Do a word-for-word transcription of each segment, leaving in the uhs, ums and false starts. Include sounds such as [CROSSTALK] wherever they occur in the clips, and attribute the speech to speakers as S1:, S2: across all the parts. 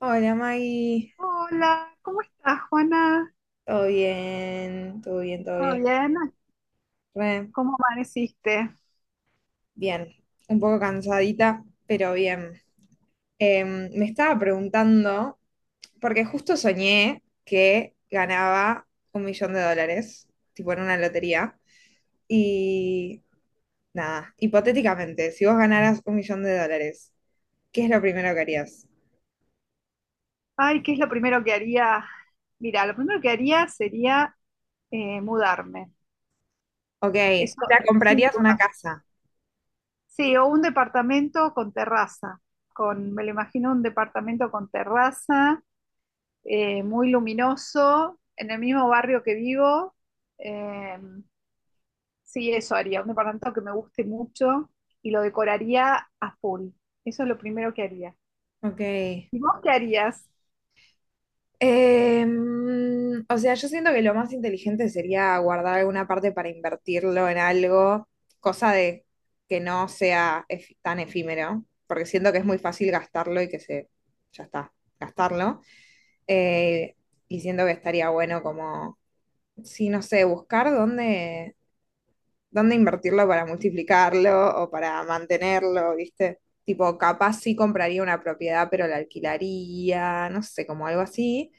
S1: Hola Maggie,
S2: Hola, ¿cómo estás, Juana?
S1: todo bien, todo bien, todo
S2: ¿Todo
S1: bien.
S2: bien?
S1: Re
S2: ¿Cómo amaneciste?
S1: bien, un poco cansadita, pero bien. Em, me estaba preguntando, porque justo soñé que ganaba un millón de dólares, tipo en una lotería, y nada, hipotéticamente, si vos ganaras un millón de dólares, ¿qué es lo primero que harías?
S2: Ay, ¿qué es lo primero que haría? Mira, lo primero que haría sería eh, mudarme.
S1: Ok,
S2: Eso,
S1: o sea,
S2: sin
S1: comprarías una
S2: duda.
S1: casa.
S2: Sí, o un departamento con terraza. Con, me lo imagino un departamento con terraza, eh, muy luminoso, en el mismo barrio que vivo. Eh, sí, eso haría. Un departamento que me guste mucho y lo decoraría a full. Eso es lo primero que haría.
S1: Ok.
S2: ¿Y vos qué harías?
S1: Em, o sea, yo siento que lo más inteligente sería guardar alguna parte para invertirlo en algo, cosa de que no sea ef- tan efímero, porque siento que es muy fácil gastarlo y que se, ya está, gastarlo. Eh, y siento que estaría bueno como, sí, no sé, buscar dónde, dónde invertirlo para multiplicarlo o para mantenerlo, ¿viste? Tipo, capaz sí compraría una propiedad, pero la alquilaría, no sé, como algo así,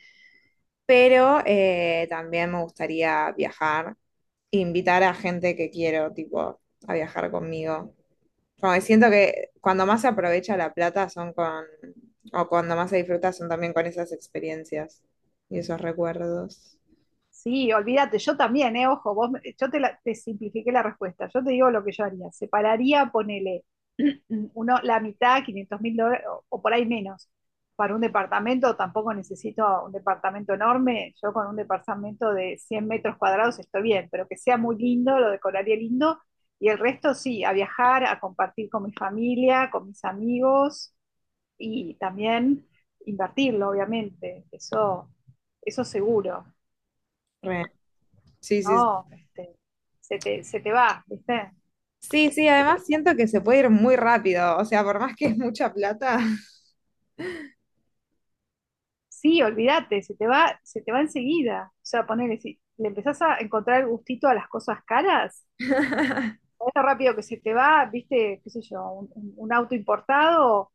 S1: pero eh, también me gustaría viajar, invitar a gente que quiero, tipo, a viajar conmigo. Como que siento que cuando más se aprovecha la plata son con, o cuando más se disfruta son también con esas experiencias y esos recuerdos.
S2: Sí, olvídate, yo también, eh, ojo, vos, me- yo te, la- te simplifiqué la respuesta, yo te digo lo que yo haría, separaría, ponele [CLEARS THROAT] uno, la mitad, quinientos mil dólares, o, o por ahí menos, para un departamento. Tampoco necesito un departamento enorme, yo con un departamento de cien metros cuadrados estoy bien, pero que sea muy lindo, lo decoraría lindo, y el resto sí, a viajar, a compartir con mi familia, con mis amigos, y también invertirlo, obviamente, eso, eso seguro. Eh,
S1: Re. Sí, sí.
S2: no, este, se te, se te va, ¿viste?
S1: Sí, sí, sí,
S2: Se te-
S1: además siento que se puede ir muy rápido, o sea, por más que es mucha plata, [LAUGHS]
S2: sí, olvídate, se te va, se te va enseguida. O sea, ponele, si le empezás a encontrar el gustito a las cosas caras, es rápido que se te va, ¿viste? ¿Qué sé yo? Un, un- un auto importado,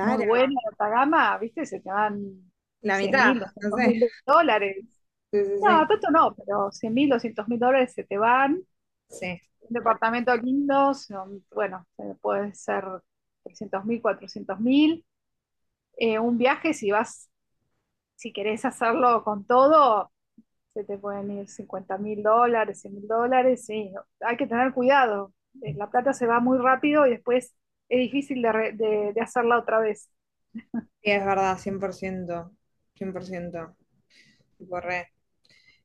S2: muy bueno, de alta gama, ¿viste? Se te van
S1: la
S2: cien
S1: mitad,
S2: mil,
S1: no
S2: doscientos
S1: sé.
S2: mil dólares.
S1: Sí, sí,
S2: No,
S1: sí.
S2: tanto no, pero cien mil, doscientos mil dólares se te van.
S1: Sí.
S2: Un
S1: Re.
S2: departamento lindo, son- bueno, eh, puede ser trescientos mil, cuatrocientos mil. eh, un viaje, si vas, si querés hacerlo con todo, se te pueden ir cincuenta mil dólares, cien mil dólares, sí, hay que tener cuidado. Eh, La plata se va muy rápido y después es difícil de, re- de- de hacerla otra vez.
S1: Sí, es verdad, cien por ciento, cien por ciento, tipo re.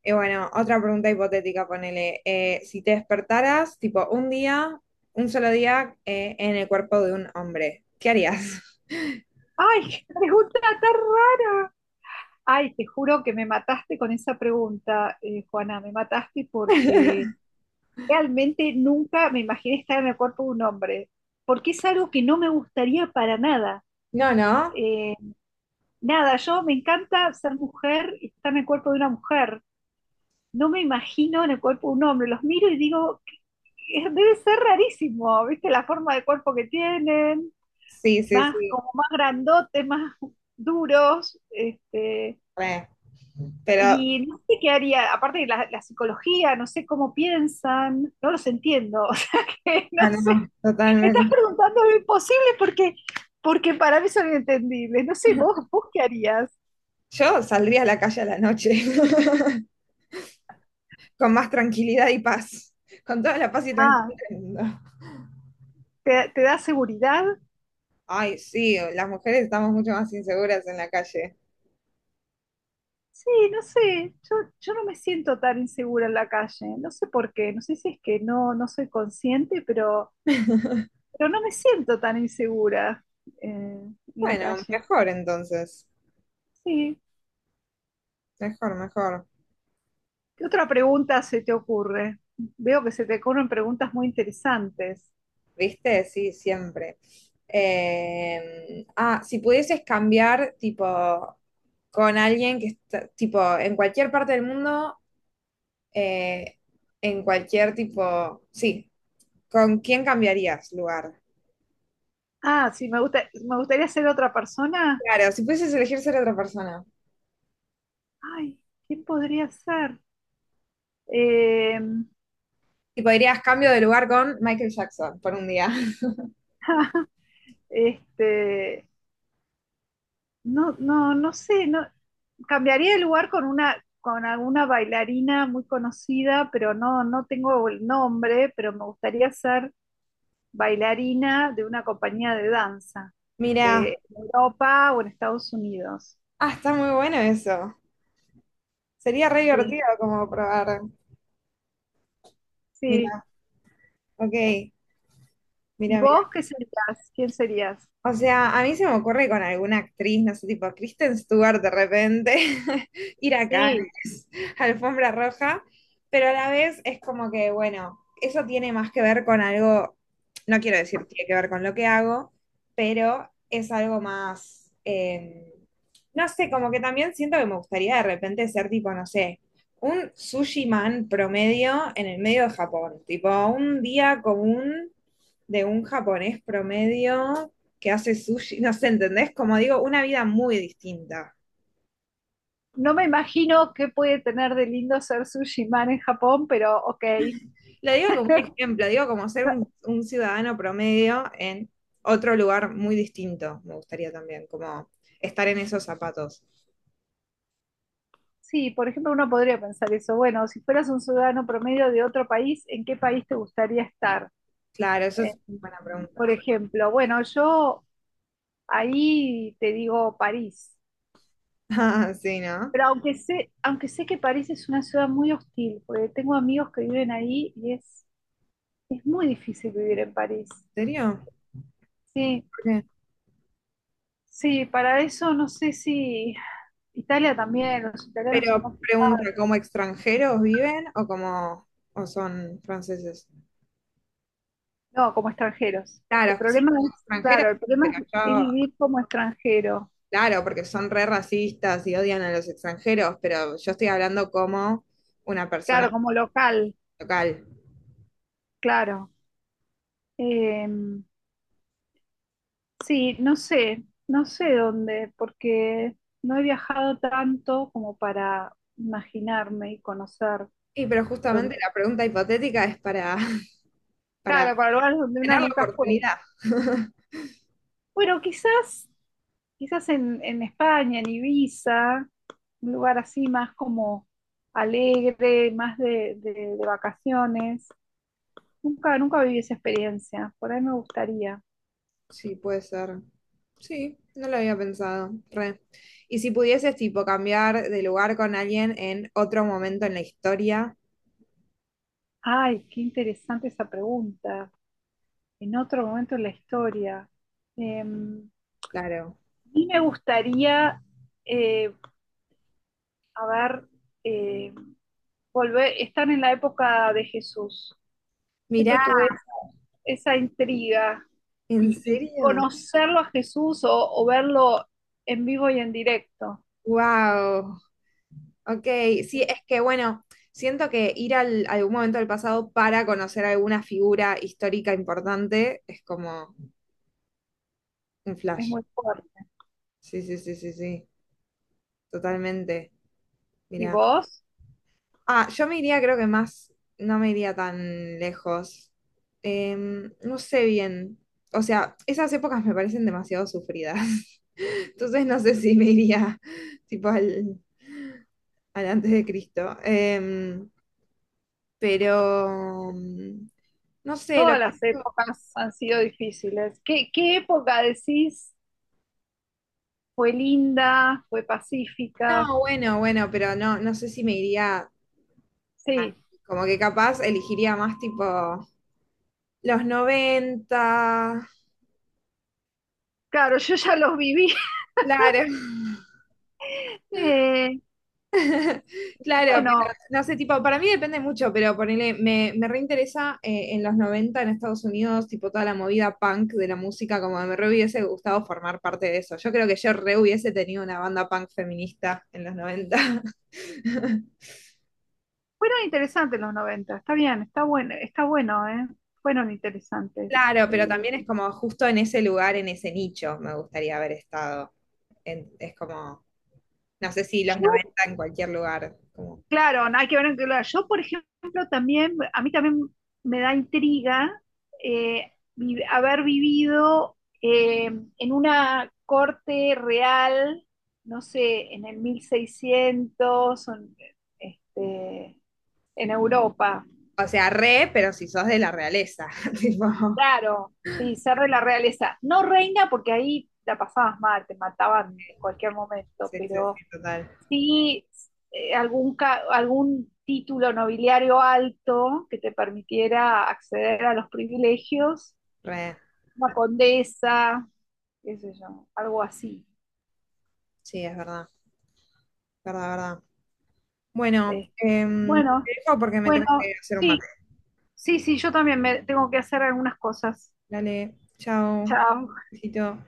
S1: Y bueno, otra pregunta hipotética, ponele, eh, si te despertaras, tipo, un día, un solo día, eh, en el cuerpo de un hombre, ¿qué harías? [LAUGHS]
S2: ¡Ay, [LAUGHS] qué pregunta tan rara! Ay, te juro que me mataste con esa pregunta, eh, Juana, me mataste porque realmente nunca me imaginé estar en el cuerpo de un hombre, porque es algo que no me gustaría para nada.
S1: No, no.
S2: Eh, Nada, yo me encanta ser mujer y estar en el cuerpo de una mujer. No me imagino en el cuerpo de un hombre. Los miro y digo: "¿Qué- debe ser rarísimo, ¿viste? La forma de cuerpo que tienen,
S1: Sí, sí,
S2: más
S1: sí.
S2: como más grandotes, más duros". Este,
S1: Re. Pero,
S2: y no sé qué haría, aparte de la, la psicología. No sé cómo piensan, no los entiendo, [LAUGHS] o sea que no
S1: ah, no,
S2: sé,
S1: no,
S2: me estás
S1: totalmente.
S2: preguntando lo imposible, porque porque para mí son inentendibles. No sé, vos, vos qué harías.
S1: Yo saldría a la calle a la noche, [LAUGHS] con más tranquilidad y paz, con toda la paz y
S2: Ah,
S1: tranquilidad del mundo.
S2: ¿te, te da seguridad?
S1: Ay, sí, las mujeres estamos mucho más inseguras en la calle.
S2: Sí, no sé, yo, yo no me siento tan insegura en la calle. No sé por qué, no sé si es que no, no soy consciente, pero,
S1: [LAUGHS]
S2: pero no me siento tan insegura eh, en la
S1: Bueno,
S2: calle.
S1: mejor entonces.
S2: Sí,
S1: Mejor, mejor.
S2: ¿qué otra pregunta se te ocurre? Veo que se te ocurren preguntas muy interesantes.
S1: ¿Viste? Sí, siempre. Eh, ah, si pudieses cambiar, tipo, con alguien que está, tipo, en cualquier parte del mundo, eh, en cualquier tipo, sí, ¿con quién cambiarías lugar?
S2: Ah, sí, me gusta, me gustaría ser otra persona.
S1: Claro, si pudieses elegir ser otra persona,
S2: Ay, ¿quién podría ser? Eh,
S1: tipo, dirías cambio de lugar con Michael Jackson por un día. [LAUGHS]
S2: este, no, no, no sé. No, cambiaría el lugar con una, con alguna bailarina muy conocida, pero no, no tengo el nombre, pero me gustaría ser bailarina de una compañía de danza
S1: Mira,
S2: de Europa o en Estados Unidos.
S1: ah, está muy bueno eso. Sería re
S2: Sí,
S1: divertido como probar. Mira,
S2: sí.
S1: ok, mira,
S2: ¿Y
S1: mira.
S2: vos qué serías? ¿Quién serías?
S1: O sea, a mí se me ocurre con alguna actriz, no sé, tipo Kristen Stewart de repente, [LAUGHS] ir a
S2: Sí,
S1: Cannes, [LAUGHS] alfombra roja, pero a la vez es como que, bueno, eso tiene más que ver con algo, no quiero decir tiene que ver con lo que hago, pero es algo más, eh, no sé, como que también siento que me gustaría de repente ser tipo, no sé, un sushi man promedio en el medio de Japón, tipo un día común de un japonés promedio que hace sushi, no sé, ¿entendés? Como digo, una vida muy distinta.
S2: no me imagino qué puede tener de lindo ser sushi man en Japón, pero ok.
S1: Lo digo como un ejemplo, digo como ser un,
S2: [LAUGHS]
S1: un ciudadano promedio en otro lugar muy distinto, me gustaría también, como estar en esos zapatos.
S2: Sí, por ejemplo, uno podría pensar eso. Bueno, si fueras un ciudadano promedio de otro país, ¿en qué país te gustaría estar?
S1: Claro, eso
S2: Eh,
S1: es buena pregunta.
S2: por
S1: [LAUGHS]
S2: ejemplo, bueno, yo ahí te digo París,
S1: Ah, sí, ¿no?
S2: pero aunque sé, aunque sé que París es una ciudad muy hostil, porque tengo amigos que viven ahí y es, es muy difícil vivir en París.
S1: ¿En serio?
S2: Sí,
S1: ¿Por qué?
S2: sí, para eso no sé. Si Italia también, los italianos son
S1: Pero
S2: complicados.
S1: pregunta, ¿como extranjeros viven o como o son franceses?
S2: No, como extranjeros. El
S1: Claro, sí,
S2: problema es,
S1: extranjeras,
S2: claro, el
S1: sí,
S2: problema
S1: pero
S2: es
S1: yo
S2: es vivir como extranjero.
S1: claro, porque son re racistas y odian a los extranjeros, pero yo estoy hablando como una
S2: Claro,
S1: persona
S2: como local,
S1: local.
S2: claro. Eh, sí, no sé, no sé dónde, porque no he viajado tanto como para imaginarme y conocer
S1: Y pero justamente
S2: dónde.
S1: la pregunta hipotética es para, [LAUGHS] para
S2: Claro, para lugares donde uno
S1: tener la
S2: nunca fue.
S1: oportunidad. [LAUGHS]
S2: Bueno, quizás, quizás en, en España, en Ibiza, un lugar así más como alegre, más de, de- de vacaciones. Nunca, nunca viví esa experiencia, por ahí me gustaría.
S1: Sí, puede ser. Sí, no lo había pensado. Re. Y si pudieses, tipo, cambiar de lugar con alguien en otro momento en la historia,
S2: Ay, qué interesante esa pregunta. En otro momento de la historia. Eh,
S1: claro.
S2: y me gustaría, eh, a ver, eh, volver, estar en la época de Jesús.
S1: Mirá,
S2: Siempre tuve esa, esa intriga
S1: ¿en
S2: y, y
S1: serio?
S2: conocerlo a Jesús, o, o verlo en vivo y en directo.
S1: Wow. Ok, sí, es que bueno, siento que ir al, a algún momento del pasado para conocer alguna figura histórica importante es como un
S2: Es
S1: flash.
S2: muy fuerte.
S1: Sí, sí, sí, sí, sí, totalmente.
S2: ¿Y
S1: Mira.
S2: vos?
S1: Ah, yo me iría, creo que más, no me iría tan lejos. Em, no sé bien. O sea, esas épocas me parecen demasiado sufridas. [LAUGHS] Entonces no sé si me iría tipo al, al antes de Cristo. Em, pero mm, no sé,
S2: Todas
S1: lo
S2: las épocas han sido difíciles. ¿Qué, qué época decís fue linda, fue pacífica?
S1: no, bueno, bueno, pero no, no sé si me iría,
S2: Sí.
S1: como que capaz elegiría más tipo los noventa.
S2: Claro, yo ya los viví. [LAUGHS]
S1: Claro, [LAUGHS]
S2: Eh,
S1: claro, pero
S2: bueno,
S1: no sé, tipo, para mí depende mucho, pero ponele, me, me reinteresa eh, en los noventa en Estados Unidos, tipo toda la movida punk de la música, como me re hubiese gustado formar parte de eso. Yo creo que yo re hubiese tenido una banda punk feminista en los noventa. [LAUGHS]
S2: fueron interesantes los noventa. Está bien, está bueno, está bueno, ¿eh? Fueron interesantes,
S1: Claro,
S2: te
S1: pero
S2: digo.
S1: también es como justo en ese lugar, en ese nicho, me gustaría haber estado. En- es como no sé si los
S2: Yo,
S1: noventa en cualquier lugar. Como,
S2: claro, no hay que ver en qué lugar. Yo, por ejemplo, también, a mí también me da intriga eh, vi- haber vivido eh, en una corte real, no sé, en el mil seiscientos, o en, este, en Europa.
S1: o sea, re, pero si sos de la realeza. [LAUGHS] Tipo,
S2: Claro, sí, ser de la realeza. No reina, porque ahí la pasabas mal, te mataban en cualquier momento,
S1: sí, sí,
S2: pero
S1: sí, total.
S2: sí eh, algún, ca- algún título nobiliario alto que te permitiera acceder a los privilegios,
S1: Re.
S2: una condesa, qué sé yo, algo así.
S1: Sí, es verdad. Verdad, verdad. Bueno,
S2: Eh,
S1: em, te
S2: bueno,
S1: dejo porque me
S2: bueno,
S1: tengo que hacer un mate.
S2: sí, sí, sí, yo también me tengo que hacer algunas cosas.
S1: Dale, chao.
S2: Chao.
S1: Besito.